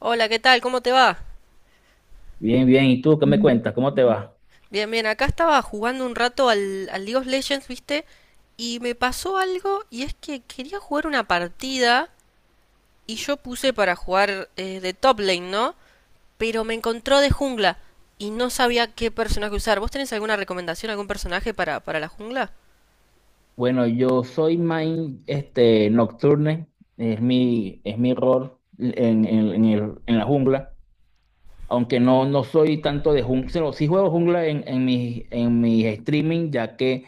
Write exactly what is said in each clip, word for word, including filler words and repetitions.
Hola, ¿qué tal? ¿Cómo te va? Bien, bien. ¿Y tú qué me cuentas? ¿Cómo te va? Bien, bien, acá estaba jugando un rato al, al League of Legends, ¿viste? Y me pasó algo y es que quería jugar una partida y yo puse para jugar eh, de top lane, ¿no? Pero me encontró de jungla y no sabía qué personaje usar. ¿Vos tenés alguna recomendación, algún personaje para, para la jungla? Bueno, yo soy main este, Nocturne, es mi, es mi rol en, en- en el- en la jungla, aunque no, no soy tanto de jungla, sí juego jungla en, en mis en mis streaming, ya que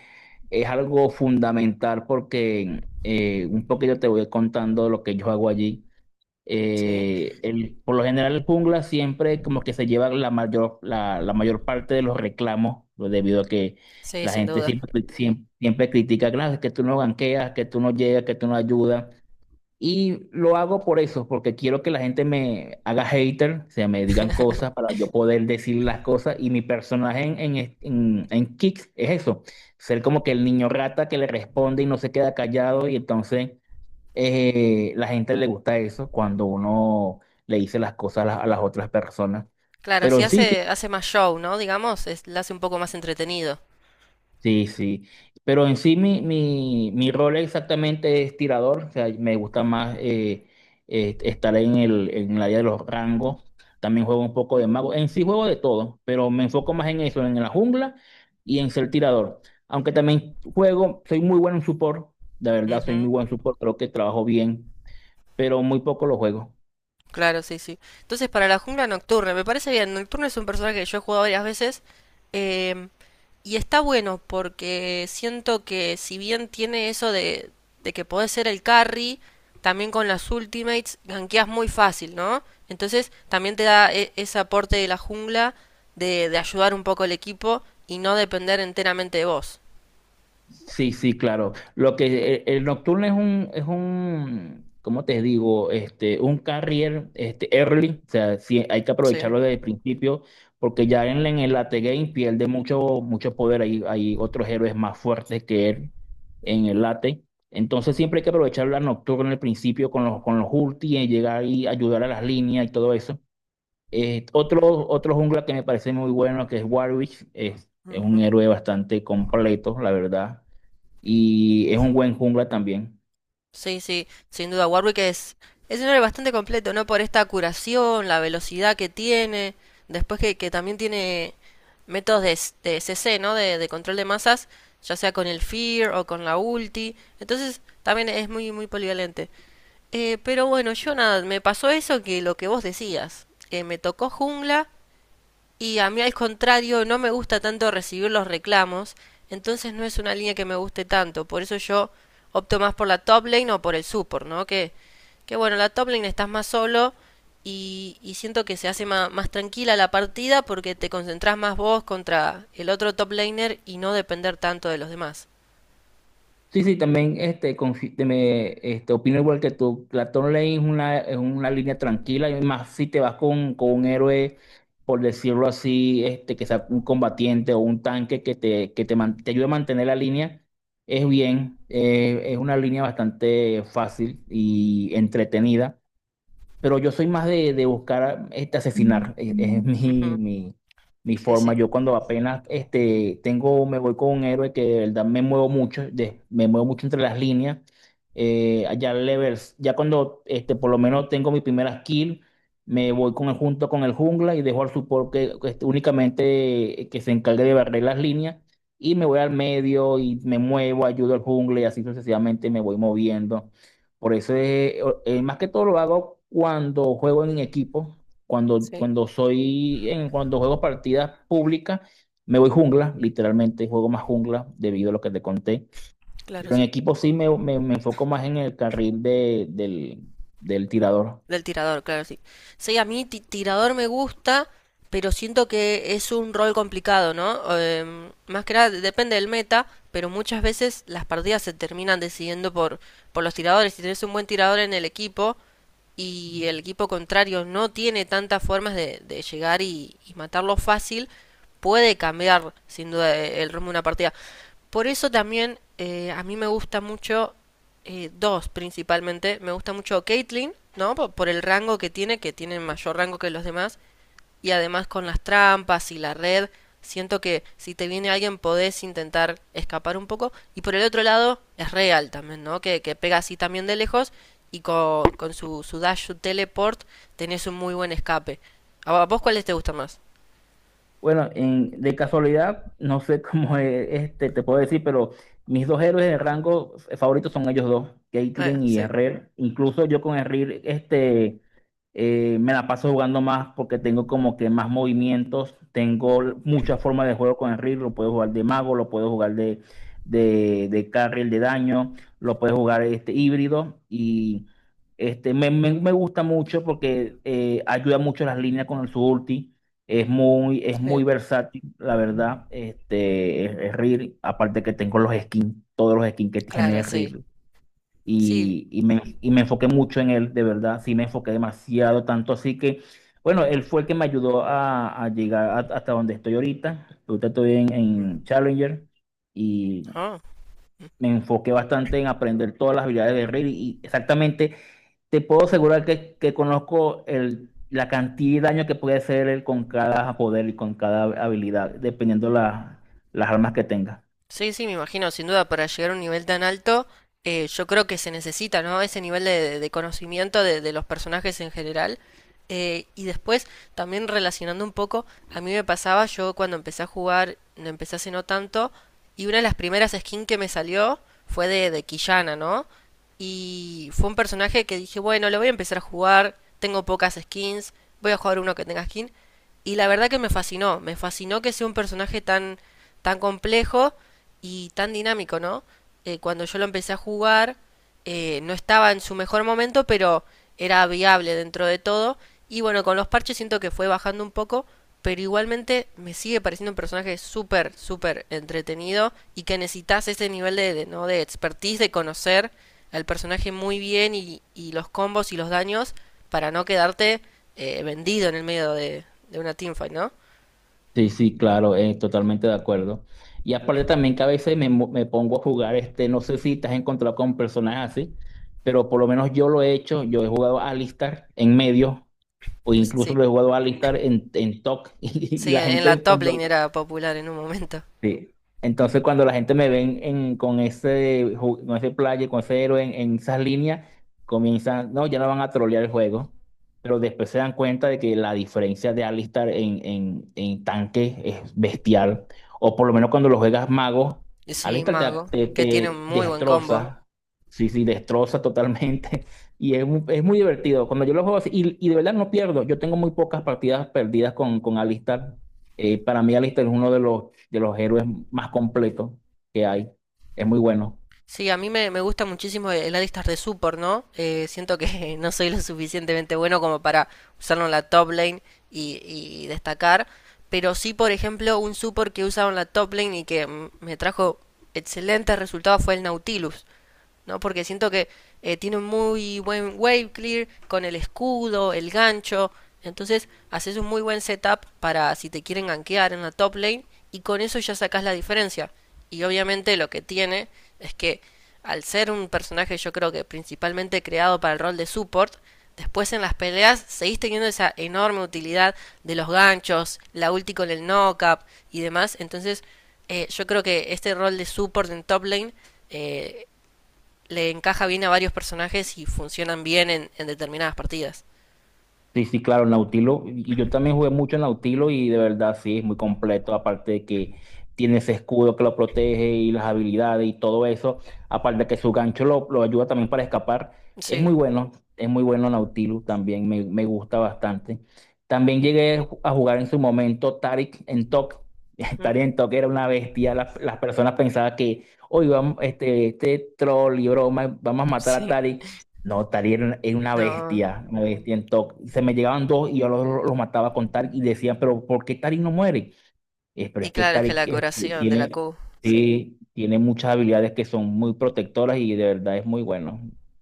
es algo fundamental porque eh, un poquito te voy contando lo que yo hago allí. Sí. Eh, el, por lo general el jungla siempre como que se lleva la mayor, la, la mayor parte de los reclamos, pues, debido a que Sí, la sin gente duda. siempre, siempre, siempre critica: "Claro, es que tú no ganqueas, que tú no llegas, que tú no ayudas". Y lo hago por eso, porque quiero que la gente me haga hater, o sea, me digan cosas para yo poder decir las cosas. Y mi personaje en, en, es- en, en Kick es eso, ser como que el niño rata que le responde y no se queda callado y entonces... Eh, la gente le gusta eso cuando uno le dice las cosas a las, a las otras personas. Claro, Pero si en sí, sí, hace, hace más show, ¿no? Digamos, es, la hace un poco más entretenido. sí, sí. Pero en sí mi, mi, mi rol exactamente es tirador. O sea, me gusta más eh, eh, estar en el, en el área de los rangos. También juego un poco de mago. En sí juego de todo, pero me enfoco más en eso, en la jungla y en ser tirador. Aunque también juego, soy muy bueno en support. De verdad, soy muy buen support. Creo que trabajo bien, pero muy poco lo juego. Claro, sí, sí. Entonces, para la jungla Nocturne, me parece bien. Nocturne es un personaje que yo he jugado varias veces. eh, y está bueno porque siento que, si bien tiene eso de, de que podés ser el carry, también con las ultimates gankeas muy fácil, ¿no? Entonces, también te da e- ese aporte de la jungla de, de ayudar un poco al equipo y no depender enteramente de vos. Sí, sí, claro. Lo que eh, el, Nocturne es un, es un, ¿cómo te digo? Este, un carrier, este, early. O sea, sí, hay que Sí. aprovecharlo desde el principio, porque ya en, en el late game pierde mucho, mucho poder. Hay, hay otros héroes más fuertes que él en el late. Entonces siempre hay que aprovechar la Nocturne al principio con los, con los ulti, y llegar y ayudar a las líneas y todo eso. Eh, otro, otro jungla que me parece muy bueno, que es Warwick, es, es un héroe bastante completo, la verdad, y es un buen jungla también. Sí, sí, sin duda. Warwick es, es un héroe bastante completo, ¿no? Por esta curación, la velocidad que tiene, después que, que también tiene métodos de, s- de C C, ¿no? De, de control de masas, ya sea con el Fear o con la ulti. Entonces, también es muy, muy polivalente. Eh, pero bueno, yo nada, me pasó eso que lo que vos decías. Eh, me tocó jungla y a mí al contrario, no me gusta tanto recibir los reclamos, entonces no es una línea que me guste tanto, por eso yo opto más por la top lane o por el support, ¿no? Que, que bueno, la top lane estás más solo y, y siento que se hace más más, tranquila la partida porque te concentrás más vos contra el otro top laner y no depender tanto de los demás. Sí, sí, también este, confi- te me, este, opino igual que tú. La Claton Lane es una, es una, línea tranquila, y más si te vas con, con un héroe, por decirlo así, este, que sea un combatiente o un tanque que te, que te, man- te ayude a mantener la línea, es bien, eh, es una línea bastante fácil y entretenida. Pero yo soy más de, de, buscar este, asesinar. Es, es mi, Ujú. mi, mi Sí, forma. sí. Yo cuando apenas este, tengo, me voy con un héroe que de verdad me muevo mucho, de- me muevo mucho entre las líneas. Eh, allá levels, ya cuando este, por lo menos tengo mi primera kill, me voy con el, junto con el jungla y dejo al support que, que este, únicamente eh, que se encargue de barrer las líneas. Y me voy al medio y me muevo, ayudo al jungla y así sucesivamente me voy moviendo. Por eso es, o- eh, más que todo lo hago cuando juego en equipo, cuando, Sí, cuando soy en, cuando juego partidas públicas, me voy jungla, literalmente juego más jungla debido a lo que te conté. claro, Pero en sí. equipo sí me, me- me enfoco más en el carril de- del, del tirador. Del tirador, claro, sí. Sí, a mí ti- tirador me gusta, pero siento que es un rol complicado, ¿no? Em, más que nada depende del meta, pero muchas veces las partidas se terminan decidiendo por, por los tiradores. Si tenés un buen tirador en el equipo, y el equipo contrario no tiene tantas formas de, de llegar y, y matarlo fácil, puede cambiar sin duda e, el rumbo de una partida. Por eso también eh, a mí me gusta mucho, eh, dos principalmente, me gusta mucho Caitlyn, ¿no? Por, por el rango que tiene, que tiene mayor rango que los demás y además con las trampas y la red, siento que si te viene alguien podés intentar escapar un poco. Y por el otro lado, es real también, ¿no? Que, que pega así también de lejos y con, con su, su dash, su teleport, tenés un muy buen escape. ¿A vos cuáles te gustan más? Bueno, en- de casualidad, no sé cómo es, este, te puedo decir, pero mis dos héroes de rango eh, favoritos son ellos dos, Eh, Caitlyn y Sí, Herrera. Incluso yo con Herrera, este. Eh, me la paso jugando más porque tengo como que más movimientos, tengo l- muchas formas de juego con el reel. Lo puedo jugar de mago, lo puedo jugar de, de, de, carril de daño, lo puedo jugar este híbrido, y este, me, me- me gusta mucho porque eh, ayuda mucho las líneas con su ulti, es muy, es sí, muy versátil, la verdad. Este, es, es reel, aparte que tengo los skins, todos los skins que tiene claro, sí. reel, Sí, y, y me, y me enfoqué mucho en él, de verdad, sí me enfoqué demasiado, tanto así que, bueno, él fue el que me ayudó a, a llegar a- hasta donde estoy ahorita. Ahorita estoy en, en Challenger y ah, me enfoqué bastante en aprender todas las habilidades de Raid y exactamente te puedo asegurar que, que conozco el, la cantidad de daño que puede hacer él con cada poder y con cada habilidad, dependiendo la- las armas que tenga. sí, sí, me imagino, sin duda, para llegar a un nivel tan alto, eh, yo creo que se necesita, ¿no? Ese nivel de, de conocimiento de, de los personajes en general. Eh, y después, también relacionando un poco, a mí me pasaba, yo cuando empecé a jugar, no empecé hace no tanto, y una de las primeras skins que me salió fue de, de Quillana, ¿no? Y fue un personaje que dije, bueno, lo voy a empezar a jugar, tengo pocas skins, voy a jugar uno que tenga skin. Y la verdad que me fascinó, me fascinó que sea un personaje tan, tan complejo y tan dinámico, ¿no? Eh, cuando yo lo empecé a jugar, eh, no estaba en su mejor momento, pero era viable dentro de todo. Y bueno, con los parches siento que fue bajando un poco, pero igualmente me sigue pareciendo un personaje súper, súper entretenido y que necesitas ese nivel de, de- ¿no? De expertise, de conocer al personaje muy bien y, y los combos y los daños para no quedarte eh, vendido en el medio de, de una teamfight, ¿no? Sí, sí, claro, eh, totalmente de acuerdo. Y aparte también que a veces me, mo- me pongo a jugar, este, no sé si te has encontrado con personajes así, pero por lo menos yo lo he hecho. Yo he jugado a Alistar en medio, o incluso Sí, lo he jugado a Alistar en, en TOC, y, sí, la en en la gente top cuando. lane era popular en un momento. Sí. Entonces, cuando la gente me ven en- con ese, ju- con ese player, con ese héroe en, en esas líneas, comienzan, no, ya no van a trolear el juego, pero después se dan cuenta de que la diferencia de Alistar en, en, en tanque es bestial, o por lo menos cuando lo juegas mago, Sí, Alistar te, mago, te, que tiene te un muy buen combo. destroza, sí, sí, destroza totalmente, y es, mu- es muy divertido. Cuando yo lo juego así, y, y de verdad no pierdo. Yo tengo muy pocas partidas perdidas con, con Alistar. Eh, para mí Alistar es uno de los de los héroes más completos que hay. Es muy bueno. Sí, a mí me, me gusta muchísimo el el Alistar de support, ¿no? Eh, siento que no soy lo suficientemente bueno como para usarlo en la top lane y, y destacar, pero sí, por ejemplo, un support que usaba en la top lane y que mm, me trajo excelentes resultados fue el Nautilus. ¿No? Porque siento que eh, tiene un muy buen wave clear con el escudo, el gancho. Entonces haces un muy buen setup para si te quieren gankear en la top lane y con eso ya sacas la diferencia. Y obviamente lo que tiene es que al ser un personaje yo creo que principalmente creado para el rol de support, después en las peleas seguís teniendo esa enorme utilidad de los ganchos, la ulti con el knock-up y demás. Entonces eh, yo creo que este rol de support en top lane eh, le encaja bien a varios personajes y funcionan bien en, en determinadas partidas. Sí, sí, claro, Nautilo. Y yo también jugué mucho en Nautilo y de verdad sí, es muy completo. Aparte de que tiene ese escudo que lo protege y las habilidades y todo eso. Aparte de que su gancho lo, lo ayuda también para escapar. Es muy Sí. bueno, es muy bueno Nautilus también, me, me gusta bastante. También llegué a jugar en su momento Taric en Tok. Mm. Taric en Tok era una bestia. Las, las personas pensaban que, hoy vamos, este, este troll y broma, vamos a matar a Sí. Taric. No, Tari era una, era una, No. bestia, una bestia en TOC. Se me llegaban dos y yo los, los mataba con Tari y decían: pero ¿por qué Tari no muere? Eh, pero Y es que claro, es que Tarik la eh, curación de la tiene, Q. Sí. sí, tiene muchas habilidades que son muy protectoras y de verdad es muy bueno.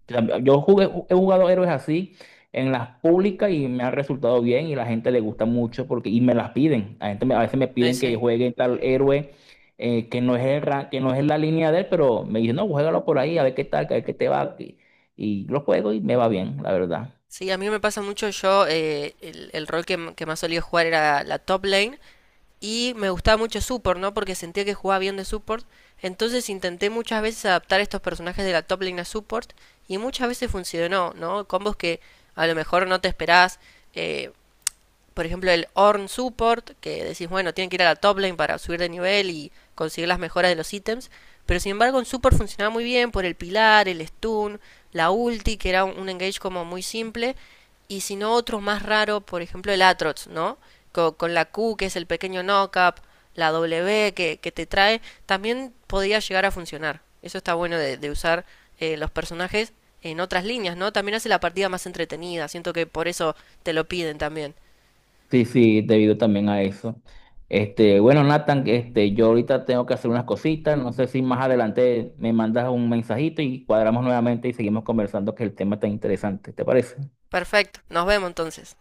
O sea, Yo jugué, he jugado héroes así en las públicas y me ha resultado bien y la gente le gusta mucho porque, y me las piden. La gente me- a veces me Eh, piden que sí. juegue tal héroe, eh, que no es el ra- que no es la línea de él, pero me dicen: no, juégalo por ahí, a ver qué tal, a ver qué te va. Y, y lo juego y me va bien, la verdad. Sí, a mí me pasa mucho. Yo, eh, el, el rol que, m- que más solía jugar era la top lane. Y me gustaba mucho support, ¿no? Porque sentía que jugaba bien de support. Entonces intenté muchas veces adaptar estos personajes de la top lane a support. Y muchas veces funcionó, ¿no? Combos que a lo mejor no te esperás. eh, por ejemplo, el Orn Support, que decís, bueno, tienen que ir a la top lane para subir de nivel y conseguir las mejoras de los ítems. Pero sin embargo, en Support funcionaba muy bien por el pilar, el stun, la ulti, que era un, un engage como muy simple. Y si no, otros más raros, por ejemplo, el Atrox, ¿no? Co- Con, la Q, que es el pequeño knockup, la W que, que te trae, también podía llegar a funcionar. Eso está bueno de, de usar eh, los personajes en otras líneas, ¿no? También hace la partida más entretenida. Siento que por eso te lo piden también. Sí, sí, debido también a eso. Este, bueno, Nathan, este, yo ahorita tengo que hacer unas cositas. No sé si más adelante me mandas un mensajito y cuadramos nuevamente y seguimos conversando, que el tema está interesante. ¿Te parece? Perfecto, nos vemos entonces.